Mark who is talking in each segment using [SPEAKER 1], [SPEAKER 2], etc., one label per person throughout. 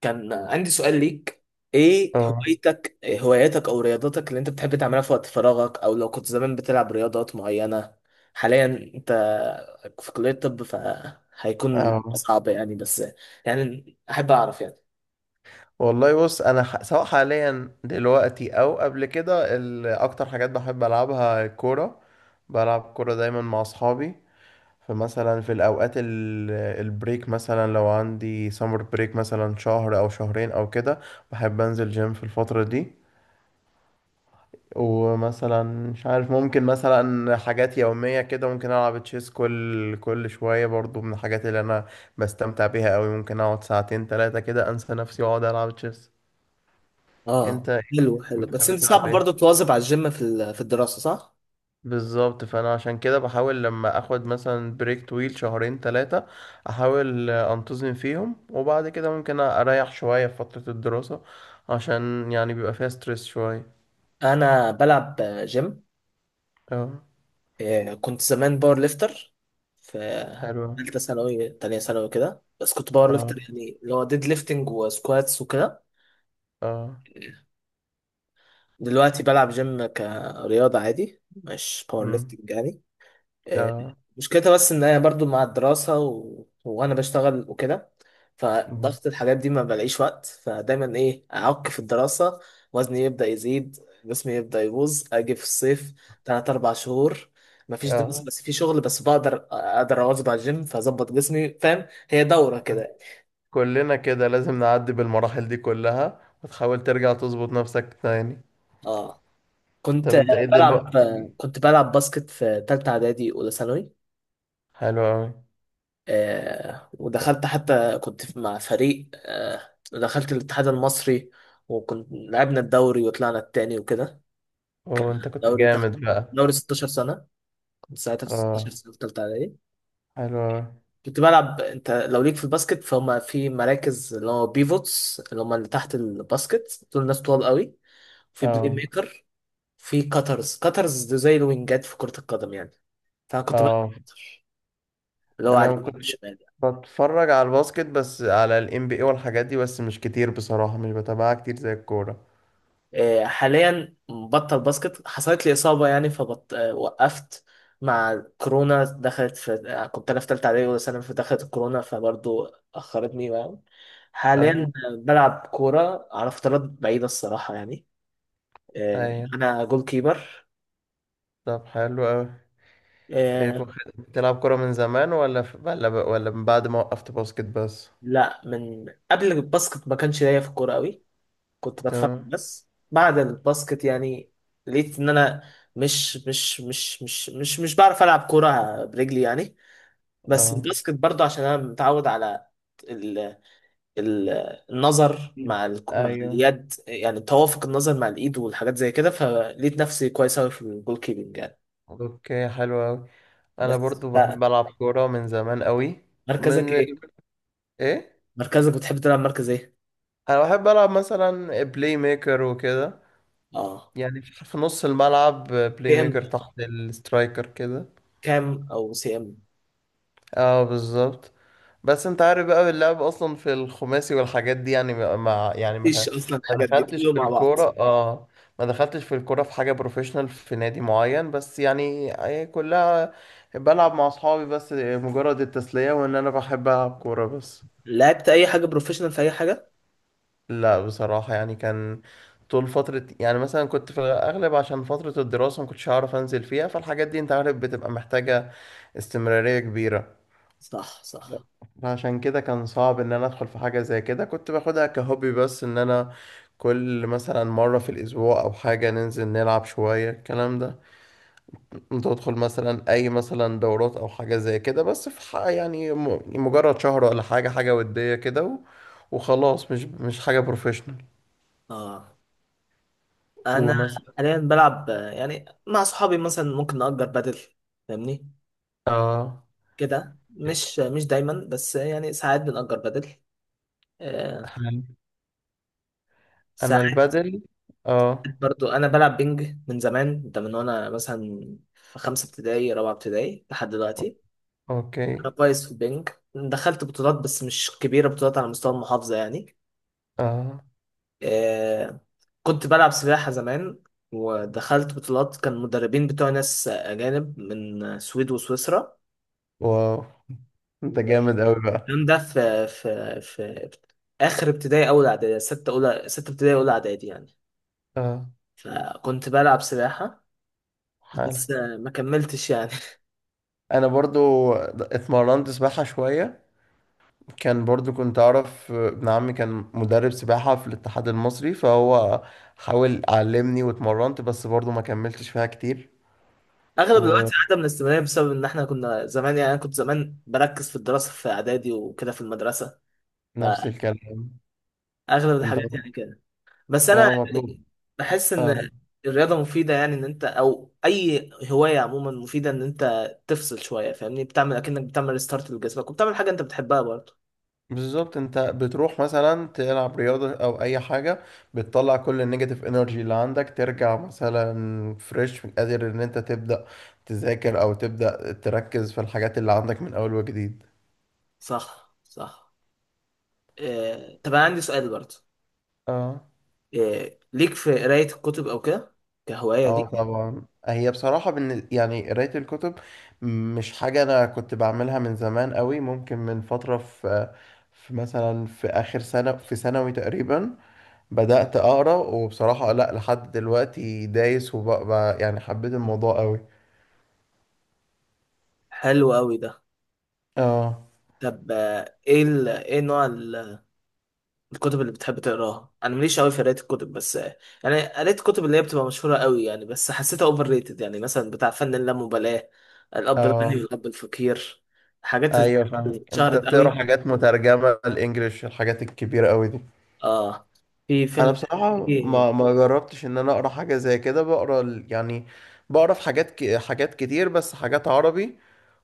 [SPEAKER 1] كان عندي سؤال ليك. ايه
[SPEAKER 2] اه،
[SPEAKER 1] هواياتك او رياضاتك اللي انت بتحب تعملها في وقت فراغك، او لو كنت زمان بتلعب رياضات معينة؟ حاليا، انت في كلية طب فهيكون
[SPEAKER 2] اه،
[SPEAKER 1] صعب يعني، بس يعني احب اعرف يعني.
[SPEAKER 2] والله بص، انا سواء حاليا دلوقتي او قبل كده، اكتر حاجات بحب العبها كوره. بلعب كوره دايما مع اصحابي. فمثلا في الاوقات البريك، مثلا لو عندي سمر بريك مثلا شهر او شهرين او كده، بحب انزل جيم في الفتره دي. ومثلا مش عارف، ممكن مثلا حاجات يومية كده، ممكن ألعب تشيس كل شوية. برضو من الحاجات اللي أنا بستمتع بيها أوي، ممكن أقعد ساعتين تلاتة كده أنسى نفسي وأقعد ألعب تشيس.
[SPEAKER 1] اه،
[SPEAKER 2] انت
[SPEAKER 1] حلو حلو، بس
[SPEAKER 2] بتحب
[SPEAKER 1] انت
[SPEAKER 2] تلعب
[SPEAKER 1] صعب
[SPEAKER 2] ايه
[SPEAKER 1] برضه تواظب على الجيم في الدراسة، صح؟
[SPEAKER 2] بالظبط؟ فانا عشان كده بحاول لما اخد مثلا بريك طويل شهرين ثلاثة، احاول انتظم فيهم، وبعد كده ممكن اريح شوية في فترة الدراسة، عشان يعني بيبقى فيها ستريس شوية.
[SPEAKER 1] انا بلعب جيم.
[SPEAKER 2] اه.
[SPEAKER 1] كنت زمان باور ليفتر في
[SPEAKER 2] حلو.
[SPEAKER 1] ثالثة ثانوي تانية ثانوي كده، بس كنت باور ليفتر
[SPEAKER 2] اه.
[SPEAKER 1] يعني اللي هو ديد ليفتنج وسكواتس وكده.
[SPEAKER 2] اه.
[SPEAKER 1] دلوقتي بلعب جيم كرياضة عادي، مش باور
[SPEAKER 2] امم
[SPEAKER 1] ليفتنج يعني. آه،
[SPEAKER 2] اه.
[SPEAKER 1] مشكلتها بس ان انا برضو مع الدراسة وانا بشتغل وكده،
[SPEAKER 2] امم
[SPEAKER 1] فضغط الحاجات دي ما بلاقيش وقت، فدايما ايه اعك في الدراسة. وزني يبدأ يزيد، جسمي يبدأ يبوظ. اجي في الصيف تلات اربع شهور مفيش دراسة
[SPEAKER 2] اه.
[SPEAKER 1] بس في شغل، بس بقدر اقدر اواظب على الجيم فاظبط جسمي، فاهم؟ هي دورة كده.
[SPEAKER 2] كلنا كده لازم نعدي بالمراحل دي كلها، وتحاول ترجع تظبط نفسك تاني.
[SPEAKER 1] اه، كنت
[SPEAKER 2] طب انت ايه
[SPEAKER 1] بلعب
[SPEAKER 2] دلوقتي؟
[SPEAKER 1] كنت بلعب باسكت في تالتة اعدادي اولى ثانوي.
[SPEAKER 2] حلو اوي.
[SPEAKER 1] ودخلت، حتى مع فريق، دخلت الاتحاد المصري، وكنت لعبنا الدوري وطلعنا التاني وكده.
[SPEAKER 2] وانت كنت
[SPEAKER 1] دوري تخ...
[SPEAKER 2] جامد بقى.
[SPEAKER 1] دوري 16 سنة. كنت ساعتها في 16
[SPEAKER 2] اه،
[SPEAKER 1] سنة في تالتة إعدادي.
[SPEAKER 2] حلو أوي.
[SPEAKER 1] كنت بلعب، أنت لو ليك في الباسكت فهم في مراكز، اللي هو بيفوتس اللي هم اللي تحت الباسكت، دول ناس طوال قوي. في بلاي
[SPEAKER 2] اه.
[SPEAKER 1] ميكر، في كاترز. كاترز دول زي الوينجات في كرة القدم يعني. فأنا كنت بلعب
[SPEAKER 2] اه،
[SPEAKER 1] cutter، اللي هو على
[SPEAKER 2] انا
[SPEAKER 1] اليمين
[SPEAKER 2] كنت
[SPEAKER 1] والشمال.
[SPEAKER 2] بتفرج على الباسكت، بس على الام بي اي والحاجات دي، بس مش كتير بصراحة، مش بتابعها كتير زي الكورة.
[SPEAKER 1] حاليا بطل باسكت، حصلت لي إصابة يعني فبط... آه، وقفت. مع كورونا دخلت في آه، كنت أنا في تالتة إعدادي ولا ثانوي، فدخلت الكورونا فبرضو أخرتني يعني. حاليا،
[SPEAKER 2] اه.
[SPEAKER 1] بلعب كورة على فترات بعيدة الصراحة يعني.
[SPEAKER 2] ايوه.
[SPEAKER 1] أنا جول كيبر.
[SPEAKER 2] طب حلو قوي. ايه
[SPEAKER 1] آه،
[SPEAKER 2] بتلعب كورة من زمان، ولا ولا ولا من بعد ما وقفت باسكت بس؟
[SPEAKER 1] لا، من قبل الباسكت ما كانش ليا في الكورة قوي، كنت بتفرج
[SPEAKER 2] تمام.
[SPEAKER 1] بس. بعد الباسكت يعني لقيت إن أنا مش بعرف ألعب كورة برجلي يعني، بس
[SPEAKER 2] اه.
[SPEAKER 1] الباسكت برضه عشان انا متعود على ال... ال... النظر
[SPEAKER 2] مم.
[SPEAKER 1] مع مع
[SPEAKER 2] ايوه.
[SPEAKER 1] اليد، يعني توافق النظر مع الايد والحاجات زي كده، فلقيت نفسي كويس قوي في الجول كيبنج يعني.
[SPEAKER 2] اوكي، حلو قوي. انا
[SPEAKER 1] بس
[SPEAKER 2] برضو
[SPEAKER 1] ف-
[SPEAKER 2] بحب العب كورة من زمان قوي.
[SPEAKER 1] مركزك
[SPEAKER 2] من
[SPEAKER 1] ايه؟
[SPEAKER 2] ايه؟
[SPEAKER 1] مركزك بتحب تلعب مركز ايه؟
[SPEAKER 2] انا بحب العب مثلا بلاي ميكر وكده،
[SPEAKER 1] اه،
[SPEAKER 2] يعني في في نص الملعب،
[SPEAKER 1] سي
[SPEAKER 2] بلاي
[SPEAKER 1] ام
[SPEAKER 2] ميكر تحت السترايكر كده.
[SPEAKER 1] كام او سي ام.
[SPEAKER 2] اه، بالظبط. بس انت عارف بقى، اللعب اصلا في الخماسي والحاجات دي، يعني يعني
[SPEAKER 1] مفيش اصلا،
[SPEAKER 2] ما
[SPEAKER 1] الحاجات دي
[SPEAKER 2] دخلتش
[SPEAKER 1] كله
[SPEAKER 2] في
[SPEAKER 1] مع بعض.
[SPEAKER 2] الكوره. اه، ما دخلتش في الكوره في حاجه بروفيشنال في نادي معين، بس يعني هي كلها بلعب مع اصحابي، بس مجرد التسليه، وان انا بحب العب كوره بس.
[SPEAKER 1] لعبت اي حاجه بروفيشنال في اي حاجه؟
[SPEAKER 2] لا بصراحة، يعني كان طول فترة يعني، مثلا كنت في الأغلب عشان فترة الدراسة ما كنتش هعرف أنزل فيها، فالحاجات دي أنت عارف بتبقى محتاجة استمرارية كبيرة.
[SPEAKER 1] صح صح.
[SPEAKER 2] فعشان كده كان صعب إن أنا أدخل في حاجة زي كده. كنت باخدها كهوبي بس، إن أنا كل مثلا مرة في الأسبوع أو حاجة، ننزل نلعب شوية الكلام ده. تدخل مثلا أي مثلا دورات أو حاجة زي كده، بس في يعني مجرد شهر ولا حاجة، حاجة ودية كده وخلاص، مش حاجة بروفيشنال.
[SPEAKER 1] اه، انا حاليا بلعب، يعني مع صحابي مثلا ممكن نأجر بادل، فاهمني؟
[SPEAKER 2] اه.
[SPEAKER 1] كده، مش دايما، بس يعني ساعات بنأجر بدل. آه،
[SPEAKER 2] انا. أنا
[SPEAKER 1] ساعات.
[SPEAKER 2] البدل. اه.
[SPEAKER 1] برضو انا بلعب بينج من زمان، ده من وانا مثلا في خمسة ابتدائي رابعة ابتدائي لحد دلوقتي.
[SPEAKER 2] اوكي.
[SPEAKER 1] انا كويس في البينج، دخلت بطولات بس مش كبيرة، بطولات على مستوى المحافظة يعني.
[SPEAKER 2] اه.
[SPEAKER 1] آه، كنت بلعب سباحة زمان ودخلت بطولات، كان مدربين بتوع ناس أجانب من السويد وسويسرا.
[SPEAKER 2] واو، انت جامد قوي بقى.
[SPEAKER 1] الكلام ده في آخر ابتدائي أول إعدادي، ستة ابتدائي أولى إعدادي يعني.
[SPEAKER 2] اه،
[SPEAKER 1] كنت بلعب سباحة
[SPEAKER 2] حلو.
[SPEAKER 1] بس ما كملتش يعني.
[SPEAKER 2] انا برضو اتمرنت سباحة شوية. كان برضو كنت اعرف ابن عمي كان مدرب سباحة في الاتحاد المصري، فهو حاول علمني واتمرنت، بس برضو ما كملتش فيها كتير.
[SPEAKER 1] اغلب الوقت
[SPEAKER 2] ونفس
[SPEAKER 1] عدم من الاستمرارية، بسبب ان احنا كنا زمان يعني انا كنت زمان بركز في الدراسة في اعدادي وكده في المدرسة،
[SPEAKER 2] الكلام.
[SPEAKER 1] فاغلب
[SPEAKER 2] انت.
[SPEAKER 1] الحاجات يعني كده. بس انا
[SPEAKER 2] اه، مطلوب.
[SPEAKER 1] بحس
[SPEAKER 2] اه،
[SPEAKER 1] ان الرياضة مفيدة يعني، ان انت او اي هواية عموما مفيدة، ان انت تفصل شوية، فاهمني؟ بتعمل اكنك بتعمل ريستارت لجسمك، وبتعمل حاجة انت بتحبها برضه.
[SPEAKER 2] بالظبط. انت بتروح مثلا تلعب رياضة او اي حاجة، بتطلع كل النيجاتيف انرجي اللي عندك، ترجع مثلا فريش، قادر ان انت تبدأ تذاكر او تبدأ تركز في الحاجات اللي عندك من اول وجديد.
[SPEAKER 1] صح صح. طب انا عندي سؤال برضه.
[SPEAKER 2] اه.
[SPEAKER 1] ليك في قراية الكتب او كده، كهواية
[SPEAKER 2] اه،
[SPEAKER 1] ليك؟
[SPEAKER 2] طبعا. هي بصراحة يعني قراية الكتب مش حاجة انا كنت بعملها من زمان قوي. ممكن من فترة، في في مثلا في اخر سنة في ثانوي تقريبا بدأت أقرأ، وبصراحة لأ لحد دلوقتي دايس وبقى يعني حبيت الموضوع قوي.
[SPEAKER 1] حلو قوي ده.
[SPEAKER 2] اه.
[SPEAKER 1] طب ايه ايه نوع الكتب اللي بتحب تقراها؟ انا ماليش قوي في قرايه الكتب، بس يعني قريت الكتب اللي هي بتبقى مشهوره قوي يعني، بس حسيتها اوفر ريتد يعني، مثلا بتاع فن اللامبالاه، الاب الغني
[SPEAKER 2] اه.
[SPEAKER 1] والاب الفقير، حاجات ز-
[SPEAKER 2] ايوه، فاهم. انت
[SPEAKER 1] اتشهرت
[SPEAKER 2] بتقرا
[SPEAKER 1] قوي.
[SPEAKER 2] حاجات مترجمة الانجليش، الحاجات الكبيرة قوي دي.
[SPEAKER 1] اه، في
[SPEAKER 2] انا
[SPEAKER 1] فيلم.
[SPEAKER 2] بصراحة
[SPEAKER 1] في-
[SPEAKER 2] ما جربتش ان انا اقرا حاجة زي كده. بقرا يعني بقرا في حاجات حاجات كتير، بس حاجات عربي.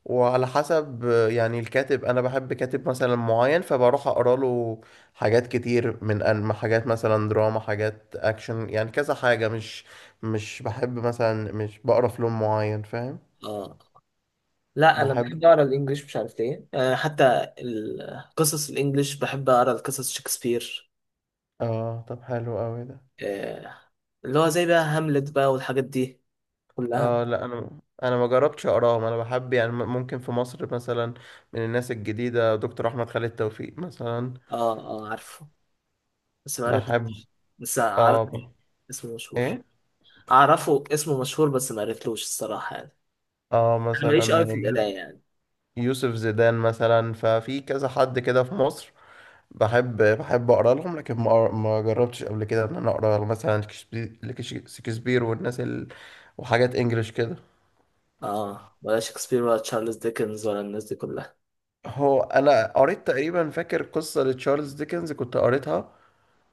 [SPEAKER 2] وعلى حسب يعني الكاتب، انا بحب كاتب مثلا معين فبروح اقرا له. حاجات كتير من انمي، حاجات مثلا دراما، حاجات اكشن، يعني كذا حاجة. مش مش بحب مثلا، مش بقرا في لون معين، فاهم؟
[SPEAKER 1] اه لا، انا
[SPEAKER 2] بحب.
[SPEAKER 1] بحب اقرا الانجليش مش عارف ليه. حتى القصص الانجليش بحب اقرا، القصص شكسبير،
[SPEAKER 2] اه، طب حلو قوي ده.
[SPEAKER 1] آه اللي هو زي بقى هاملت بقى والحاجات دي كلها.
[SPEAKER 2] اه، لا، انا ما جربتش اقراهم. انا بحب يعني ممكن في مصر مثلا من الناس الجديدة، دكتور احمد خالد توفيق مثلا.
[SPEAKER 1] اه، اه، عارفه بس ما
[SPEAKER 2] بحب.
[SPEAKER 1] قريتلوش. بس عارف
[SPEAKER 2] اه،
[SPEAKER 1] اسمه مشهور،
[SPEAKER 2] ايه.
[SPEAKER 1] اعرفه اسمه مشهور، بس ما قريتلوش الصراحة يعني.
[SPEAKER 2] اه
[SPEAKER 1] انا
[SPEAKER 2] مثلا
[SPEAKER 1] ماليش قوي في القراية يعني.
[SPEAKER 2] يوسف زيدان مثلا، ففي كذا حد كده في مصر بحب اقرا لهم. لكن ما جربتش قبل كده ان انا اقرا مثلا شكسبير والناس وحاجات انجليش كده.
[SPEAKER 1] اه، ولا شكسبير ولا تشارلز ديكنز ولا الناس دي كلها.
[SPEAKER 2] هو انا قريت تقريبا، فاكر قصة لتشارلز ديكنز كنت قريتها،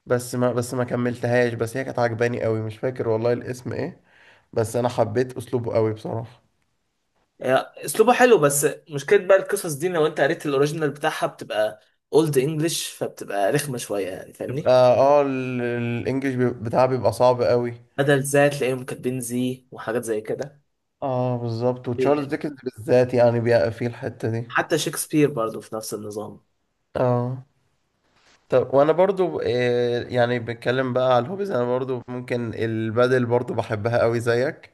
[SPEAKER 2] بس ما كملتهاش، بس هي كانت عجباني قوي. مش فاكر والله الاسم ايه، بس انا حبيت اسلوبه قوي بصراحة.
[SPEAKER 1] هي اسلوبه حلو، بس مشكلة بقى القصص دي لو انت قريت الاوريجينال بتاعها بتبقى اولد انجلش، فبتبقى رخمة شوية يعني،
[SPEAKER 2] يبقى
[SPEAKER 1] فاهمني؟
[SPEAKER 2] اه، الانجليش بتاعه بيبقى صعب قوي.
[SPEAKER 1] بدل زي تلاقيهم كاتبين زي وحاجات زي كده.
[SPEAKER 2] اه، بالظبط.
[SPEAKER 1] دي-
[SPEAKER 2] وتشارلز ديكنز بالذات يعني بيقى في الحتة دي.
[SPEAKER 1] حتى شكسبير برضو في نفس النظام.
[SPEAKER 2] اه. طب وانا برضو، يعني بتكلم بقى على الهوبيز، انا برضو ممكن البادل برضو بحبها قوي زيك.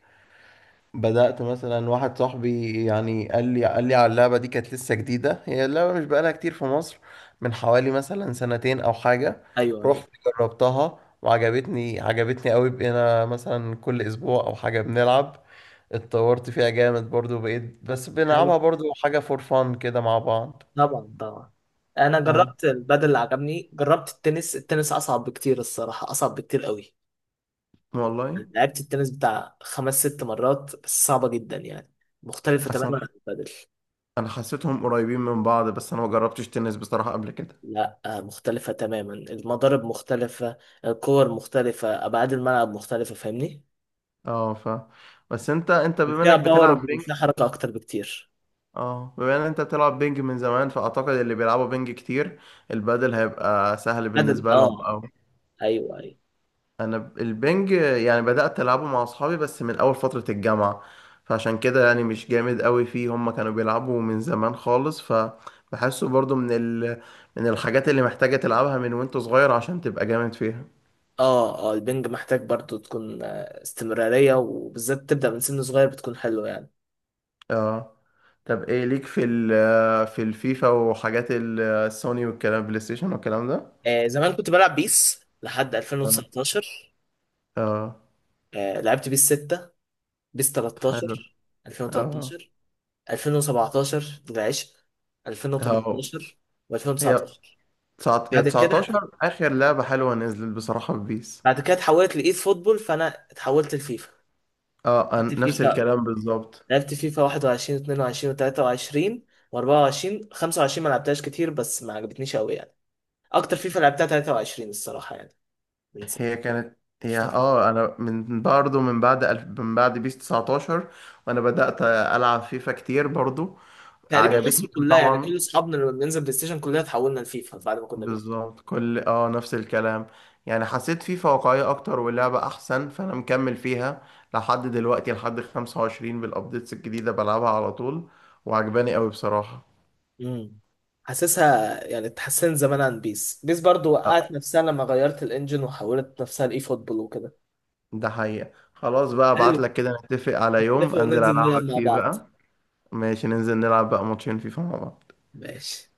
[SPEAKER 2] بدأت مثلا واحد صاحبي يعني قال لي على اللعبة دي، كانت لسه جديدة. هي اللعبة مش بقالها كتير في مصر، من حوالي مثلا سنتين او حاجة.
[SPEAKER 1] ايوه
[SPEAKER 2] رحت جربتها وعجبتني، عجبتني قوي. بقينا مثلا كل اسبوع او حاجة بنلعب. اتطورت فيها جامد برضو، بقيت بس
[SPEAKER 1] ايوه،
[SPEAKER 2] بنلعبها برضو حاجة فور فان كده مع بعض.
[SPEAKER 1] طبعا طبعا. انا
[SPEAKER 2] اه،
[SPEAKER 1] جربت البادل، اللي عجبني، جربت التنس. التنس اصعب بكتير الصراحه، اصعب بكتير قوي.
[SPEAKER 2] والله.
[SPEAKER 1] لعبت التنس بتاع خمس ست مرات بس، صعبه جدا يعني، مختلفه تماما
[SPEAKER 2] اصلا
[SPEAKER 1] عن البادل.
[SPEAKER 2] انا حسيتهم قريبين من بعض، بس انا ما جربتش تنس بصراحة قبل كده.
[SPEAKER 1] لا، مختلفه تماما. المضارب مختلفه، الكور مختلفه، ابعاد الملعب مختلفه، فاهمني؟
[SPEAKER 2] اه، ف، بس انت بما
[SPEAKER 1] فيها
[SPEAKER 2] انك
[SPEAKER 1] باور
[SPEAKER 2] بتلعب بينج.
[SPEAKER 1] وفيها حركه اكتر بكتير.
[SPEAKER 2] اه، بما ان انت بتلعب بينج من زمان، فاعتقد اللي بيلعبوا بينج كتير، البادل هيبقى سهل
[SPEAKER 1] البادل،
[SPEAKER 2] بالنسبة لهم
[SPEAKER 1] اه.
[SPEAKER 2] او.
[SPEAKER 1] ايوه ايوه.
[SPEAKER 2] انا البينج يعني بدأت العبه مع اصحابي بس من اول فترة الجامعة، فعشان كده يعني مش جامد قوي فيه. هم كانوا بيلعبوا من زمان خالص، فبحسه برضو من من الحاجات اللي محتاجة تلعبها من وانت صغير عشان تبقى جامد فيها.
[SPEAKER 1] اه اه، البنج محتاج برضو تكون استمراريه، وبالذات تبدا من سن صغير بتكون حلوه يعني.
[SPEAKER 2] اه. طب ايه ليك في ال، في الفيفا وحاجات السوني والكلام، بلاي ستيشن والكلام ده؟
[SPEAKER 1] زمان كنت بلعب بيس لحد
[SPEAKER 2] اه.
[SPEAKER 1] 2019.
[SPEAKER 2] اه.
[SPEAKER 1] لعبت بيس 6، بيس
[SPEAKER 2] حلو.
[SPEAKER 1] 13،
[SPEAKER 2] اه.
[SPEAKER 1] 2013، 2017 العشق،
[SPEAKER 2] هاو.
[SPEAKER 1] 2018
[SPEAKER 2] هي
[SPEAKER 1] و2019.
[SPEAKER 2] تسعة، هي
[SPEAKER 1] بعد كده،
[SPEAKER 2] 19 اخر لعبة حلوة نزلت بصراحة في بيس.
[SPEAKER 1] اتحولت لإيد فوتبول، فأنا اتحولت لفيفا.
[SPEAKER 2] اه،
[SPEAKER 1] لعبت
[SPEAKER 2] نفس
[SPEAKER 1] فيفا
[SPEAKER 2] الكلام بالظبط.
[SPEAKER 1] لعبت فيفا 21، 22، 23، و24. 25 ما لعبتهاش كتير، بس ما عجبتنيش قوي يعني. اكتر فيفا لعبتها 23 الصراحة يعني، من سنة
[SPEAKER 2] هي كانت. هي اه، انا من برضه من بعد من بعد بيس 19 وانا بدأت العب فيفا كتير برضه.
[SPEAKER 1] تقريبا.
[SPEAKER 2] عجبتني
[SPEAKER 1] مصر كلها يعني كل
[SPEAKER 2] طبعا.
[SPEAKER 1] اصحابنا لما بننزل بلاي ستيشن كلنا اتحولنا لفيفا بعد ما كنا بيس.
[SPEAKER 2] بالظبط، كل اه نفس الكلام. يعني حسيت فيفا واقعية أكتر واللعبة أحسن، فأنا مكمل فيها لحد دلوقتي، لحد 25 بالأبديتس الجديدة بلعبها على طول. وعجباني أوي بصراحة.
[SPEAKER 1] امم حاسسها يعني اتحسنت زمان عن بيس. بيس برضو
[SPEAKER 2] آه،
[SPEAKER 1] وقعت نفسها لما غيرت الانجن وحولت نفسها لاي فوتبول وكده.
[SPEAKER 2] ده حقيقة. خلاص بقى،
[SPEAKER 1] حلو،
[SPEAKER 2] أبعتلك كده نتفق على
[SPEAKER 1] نتفق
[SPEAKER 2] يوم أنزل
[SPEAKER 1] وننزل نلعب
[SPEAKER 2] ألعبك
[SPEAKER 1] مع
[SPEAKER 2] فيه
[SPEAKER 1] بعض.
[SPEAKER 2] بقى. ماشي، ننزل نلعب بقى ماتشين فيفا مع بعض.
[SPEAKER 1] ماشي.